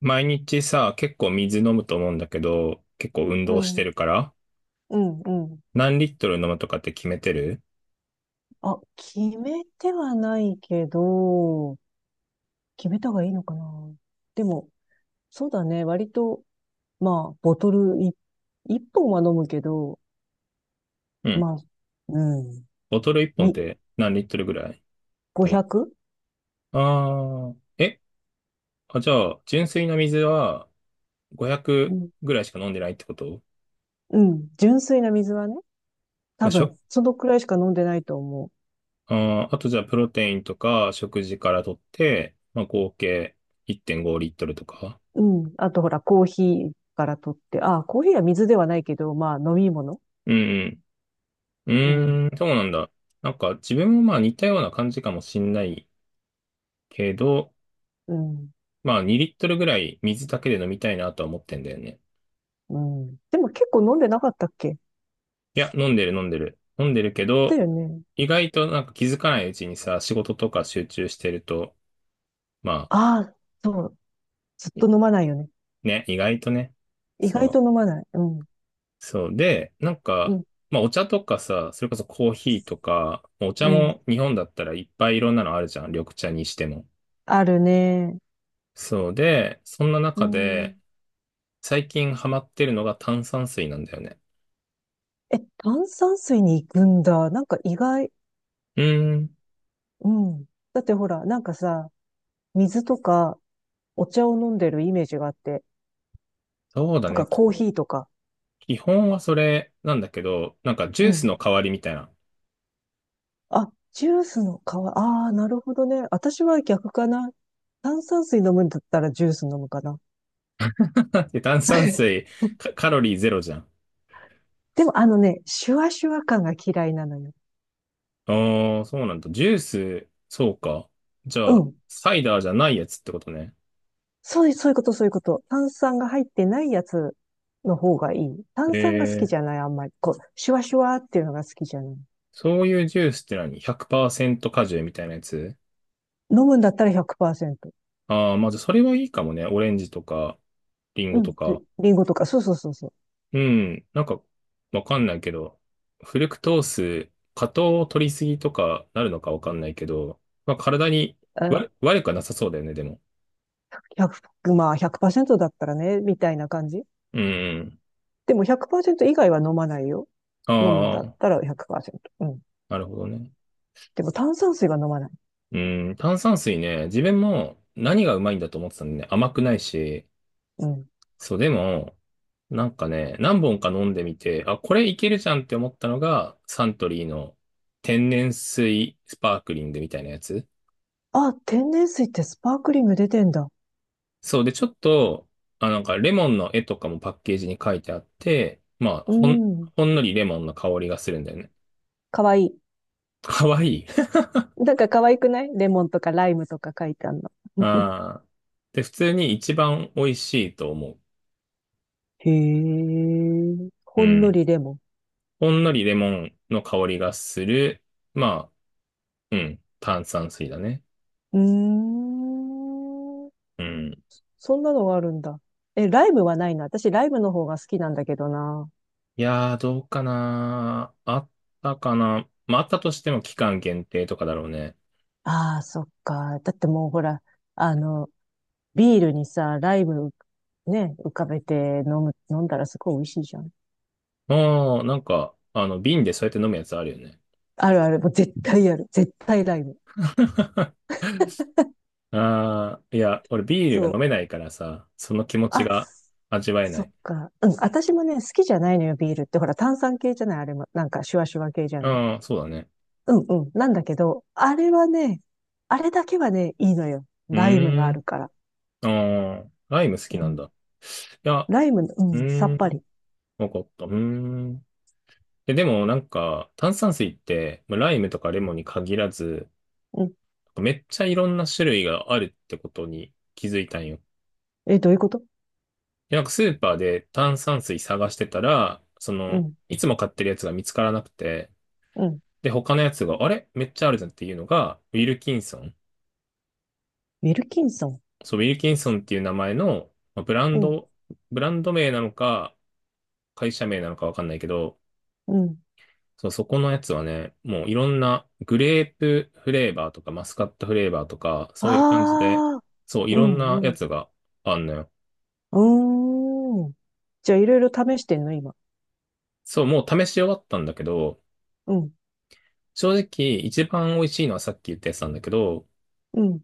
毎日さ、結構水飲むと思うんだけど、結構運う動しん、てるから、うん、うん。何リットル飲むとかって決めてる？あ、決めてはないけど、決めた方がいいのかな。でも、そうだね。割と、まあ、ボトルい一本は飲むけど、うん。まあ、うん、ボトル1本っみ、て何リットルぐらい？だい、 500？ あー、え、あ、じゃあ、純粋な水はう500ん、ぐらいしか飲んでないってこと？うん、純粋な水はね、ま多あ、し分、ょ、そのくらいしか飲んでないと思あー、あとじゃあ、プロテインとか食事から取って、まあ、合計1.5リットルとか。う。うん。あと、ほら、コーヒーから取って、あ、コーヒーは水ではないけど、まあ、飲み物。うんううん、ん。うーん、そうなんだ。なんか自分もまあ似たような感じかもしんないけど、うん、まあ、2リットルぐらい水だけで飲みたいなとは思ってんだよね。うん。でも結構飲んでなかったっけ？いや、飲んでる飲んでる。飲んでるけだど、よね。意外となんか気づかないうちにさ、仕事とか集中してると、まあ、ああ、そう。ずっい、と飲まないよね。ね、意外とね。意そ外とう。飲まない。うん。そう。で、なんうか、ん。まあ、お茶とかさ、それこそコーヒーとか、お茶うん。も日本だったらいっぱいいろんなのあるじゃん。緑茶にしても。あるね。そうで、そんなう中ん。で、最近ハマってるのが炭酸水なんだよね。え、炭酸水に行くんだ。なんか意外。うーん。うん。だってほら、なんかさ、水とかお茶を飲んでるイメージがあって、そうだとかね。コーヒーとか。基本はそれなんだけど、なんかジュうースのん。代わりみたいな。あ、ジュースの代わ、ああ、なるほどね。私は逆かな。炭酸水飲むんだったらジュース飲むかな。で炭酸水、カ、カロリーゼロじゃん。でもあのね、シュワシュワ感が嫌いなのよ。ああ、そうなんだ。ジュース、そうか。じゃうあ、ん。サイダーじゃないやつってことね。そういうこと、そういうこと。炭酸が入ってないやつの方がいい。炭酸が好きえじー、ゃない、あんまり。こう、シュワシュワっていうのが好きじゃない。そういうジュースって何？ 100% 果汁みたいなやつ？飲むんだったら100%。ああー、まあじゃあそれはいいかもね。オレンジとか、リンうゴん。とか。リンゴとか、そうそうそうそう。うん。なんか、わかんないけど、フルクトース、過糖を取りすぎとかなるのかわかんないけど、まあ、体に悪、あ、悪くはなさそうだよね、でも。100、まあ100%だったらね、みたいな感じ。うん。でも100%以外は飲まないよ。あ飲むんだっあ、たら100%。うん。なるほどね。でも炭酸水が飲まない。うん。炭酸水ね、自分も何がうまいんだと思ってたんでね、甘くないし、うん。そう、でも、なんかね、何本か飲んでみて、あ、これいけるじゃんって思ったのが、サントリーの天然水スパークリングみたいなやつ。あ、天然水ってスパークリング出てんだ。そうで、ちょっと、あ、なんかレモンの絵とかもパッケージに書いてあって、まあ、うほん、ん。ほんのりレモンの香りがするんだよね。かわいい。かわいい。なんか可愛くないレモンとかライムとか書いてあるの。ああ。で、普通に一番美味しいと思へえ、う。ほうんのん。りレモほんのりレモンの香りがする。まあ、うん。炭酸水だね。ン。うーん。うん。そんなのがあるんだ。え、ライムはないな。私、ライムの方が好きなんだけどな。いやー、どうかなあったかな、まあ、あったとしても期間限定とかだろうね。ああ、そっか。だってもうほら、あの、ビールにさ、ライム、ね、浮かべて飲んだらすごい美味しいじゃん。ああ、なんか、あの、瓶でそうやって飲むやつあるよね。あるある。もう絶対ある。絶対ライム。ああ、いや、俺ビールがそ飲めう。ないからさ、その気持ちあ、が味わえなそっい。か。うん。私もね、好きじゃないのよ、ビールって。ほら、炭酸系じゃない、あれも。なんか、シュワシュワ系じゃない。ああ、そうだね。うんうん。なんだけど、あれはね、あれだけはね、いいのよ。うライムがーあん。るから。ああ、ライム好きうなんん。だ。いや、ライムううん、さーっぱん。り。わかった。うーん。え、でもなんか、炭酸水って、まあライムとかレモンに限らず、うん。めっちゃいろんな種類があるってことに気づいたんよ。え、どういうこと？でなんかスーパーで炭酸水探してたら、そうの、ん、いつも買ってるやつが見つからなくて、うん。で、他のやつが、あれめっちゃあるじゃんっていうのが、ウィルキンソン。ウィルキンソン。そう、ウィルキンソンっていう名前の、まあブランうん、ド、ブランド名なのか、会社名なのかわかんないけど、うん。そう、そこのやつはね、もういろんなグレープフレーバーとかマスカットフレーバーとか、そういう感じで、ああ、そう、いうろんなん、やうん。つがあんのよ。うーん。じゃあ、いろいろ試してんの、今。そう、もう試し終わったんだけど、うん、正直一番美味しいのはさっき言ったやつなんだけど、うん、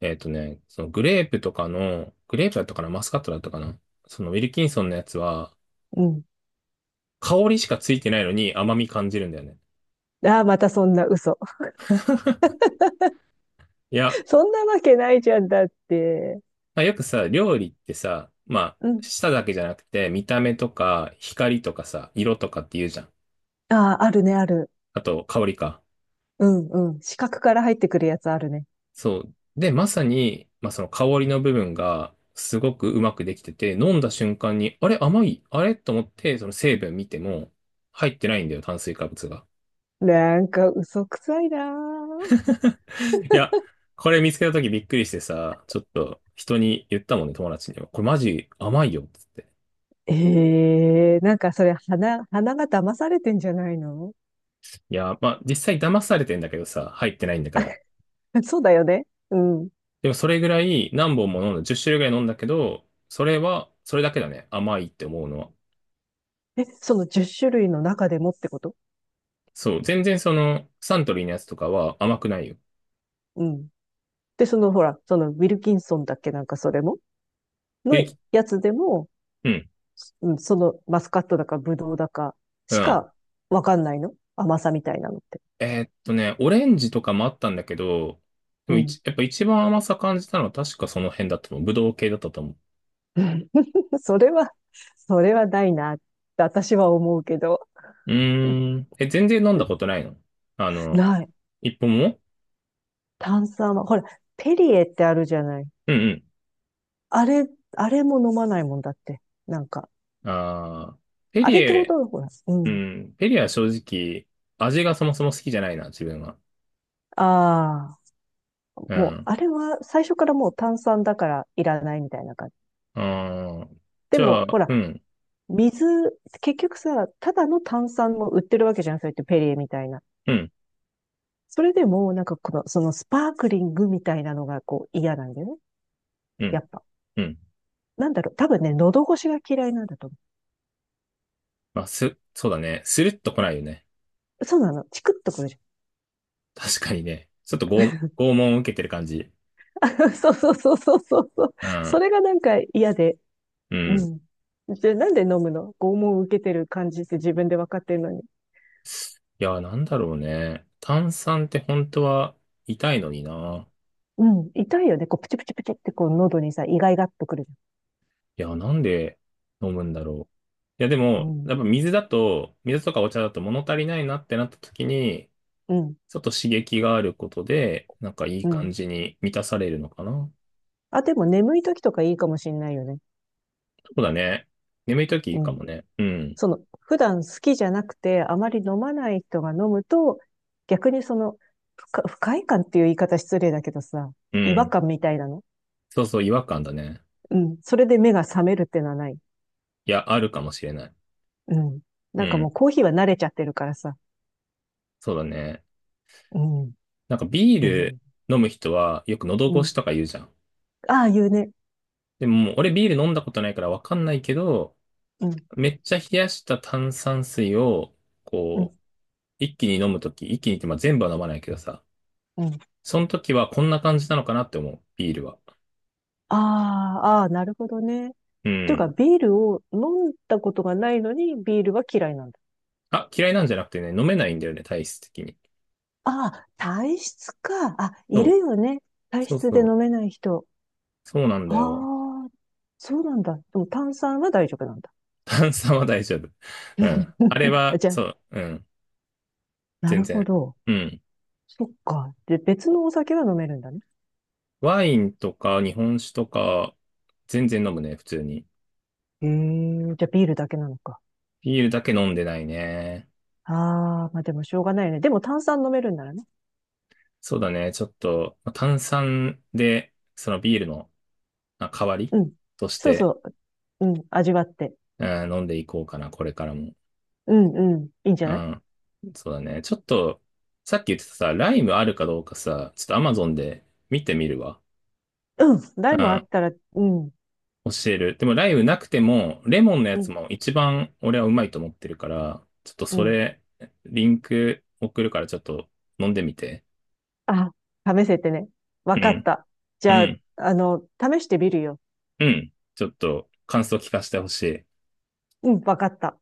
えっとね、そのグレープとかの、グレープだったかな、マスカットだったかな、そのウィルキンソンのやつは、うん。香りしかついてないのに甘み感じるんだよね。ああ、またそんな嘘。いや、そんなわけないじゃんだって。まあ、よくさ、料理ってさ、まあ、うん。舌だけじゃなくて、見た目とか、光とかさ、色とかって言うじゃん。ああ、あるね、ある。あと、香りか。うん、うん。四角から入ってくるやつあるね。そう。で、まさに、まあ、その香りの部分が、すごくうまくできてて、飲んだ瞬間に、あれ、甘い、あれ？と思って、その成分見ても、入ってないんだよ、炭水化物が。なんか嘘くさいなー。いや、これ見つけた時びっくりしてさ、ちょっと人に言ったもんね、友達にも。これマジ甘いよ、つって。ええなんかそれ、鼻が騙されてんじゃないの？ いや、まあ、実際騙されてんだけどさ、入ってないんだから。そうだよね。うん。でもそれぐらい何本も飲んだ、10種類ぐらい飲んだけど、それは、それだけだね。甘いって思うのは。え、その10種類の中でもってこと？そう、全然その、サントリーのやつとかは甘くないよ。うん。で、そのほら、そのウィルキンソンだっけ？なんかそれもピのリキ、やつでも、うん、うん、そのマスカットだかブドウだかうしん。かわかんないの甘さみたいなのって。ね、オレンジとかもあったんだけど、でうもん。一、やっぱ一番甘さ感じたのは確かその辺だったと思う。ぶどう系だったと思 それは、それはないなって私は思うけど。う。うーん。え、全然飲んだことないの？あの、ない。一本も？炭酸は、ほら、ペリエってあるじゃない。うんあれ、あれも飲まないもんだって。なんか、うん。ああ、ペあリれってほエ、とんどほら、ううん。ん、ペリエは正直、味がそもそも好きじゃないな、自分は。ああ、うもう、ん。あれは最初からもう炭酸だからいらないみたいな感じ。ああ、でじゃも、あ、ほら、うん、水、結局さ、ただの炭酸も売ってるわけじゃん、そうやってペリエみたいな。うん、それでも、なんかそのスパークリングみたいなのがこう嫌なんだよね。うやん、っぱ。うん。なんだろう、多分ね、喉越しが嫌いなんだと思まあ、す、そうだね。スルッと来ないよね。う。そうなの、チクッとくるじゃ確かにね。ちょっと拷、拷問を受けてる感じ。ん。そうそうそうそうそうそう。うそん、れがなんか嫌で、ううん。ん。じゃあなんで飲むの？拷問を受けてる感じって自分で分かってるのに。いや、なんだろうね。炭酸って本当は痛いのにな。うん。痛いよね。こう、プチプチプチってこう、喉にさ、イガイガっとくるじいや、なんで飲むんだろう。いや、でゃん。も、うやん。っぱ水だと、水とかお茶だと物足りないなってなった時に、うん。ちょっと刺激があることで、なんかいいう感ん。じに満たされるのかな。あ、でも眠い時とかいいかもしんないよね。そうだね。眠い時いいうかん。もね。うん。その、普段好きじゃなくて、あまり飲まない人が飲むと、逆にその、不快感っていう言い方失礼だけどさ、う違和ん。感みたいなの。そうそう、違和感だね。うん。それで目が覚めるってのはない？いや、あるかもしれない。うん。うなんかもん。うコーヒーは慣れちゃってるからさ。そうだね。うん。なんかビーへルえ。飲む人はよく喉う越しん。とか言うじゃん。ああいうね、でももう俺ビール飲んだことないからわかんないけど、うん、めっちゃ冷やした炭酸水を、うこん、う、一気に飲むとき、一気にってまあ全部は飲まないけどさ、うん。その時はこんな感じなのかなって思う、ビールは。ああ、ああ、なるほどね。っうていうか、ん。ビールを飲んだことがないのに、ビールは嫌いなんだ。あ、嫌いなんじゃなくてね、飲めないんだよね、体質的に。ああ、体質か。あ、そいう。るよね。体そう質でそう。飲めない人。そうなんあだよ。あ、そうなんだ。でも炭酸は大丈夫なんだ。炭酸は大丈夫。うん。あれ は、じゃあ、そう、うん。な全るほ然。ど。うん。そっか。で、別のお酒は飲めるんだね。ワインとか日本酒とか、全然飲むね、普通に。へえ、じゃあビールだけなのか。ビールだけ飲んでないね。ああ、まあでもしょうがないよね。でも炭酸飲めるんならね。そうだね、ちょっと、まあ炭酸で、そのビールのまあ代わりうん。としそうて、そう。うん。味わって。うん、飲んでいこうかな、これからも。うんうん。いいんじゃうない？ん。そうだね。ちょっと、さっき言ってたさ、ライムあるかどうかさ、ちょっとアマゾンで見てみるわ。うん。う台もあん。ったら、うん、教える。でもライブなくても、レモンのやうつん、も一番俺はうまいと思ってるから、ちょっとうそん。れ、リンク送るからちょっと飲んでみて。あ、試せってね。わうかっん、た。じうゃあ、ん、あの、試してみるよ。うん。ちょっと感想聞かせてほしい。うん、わかった。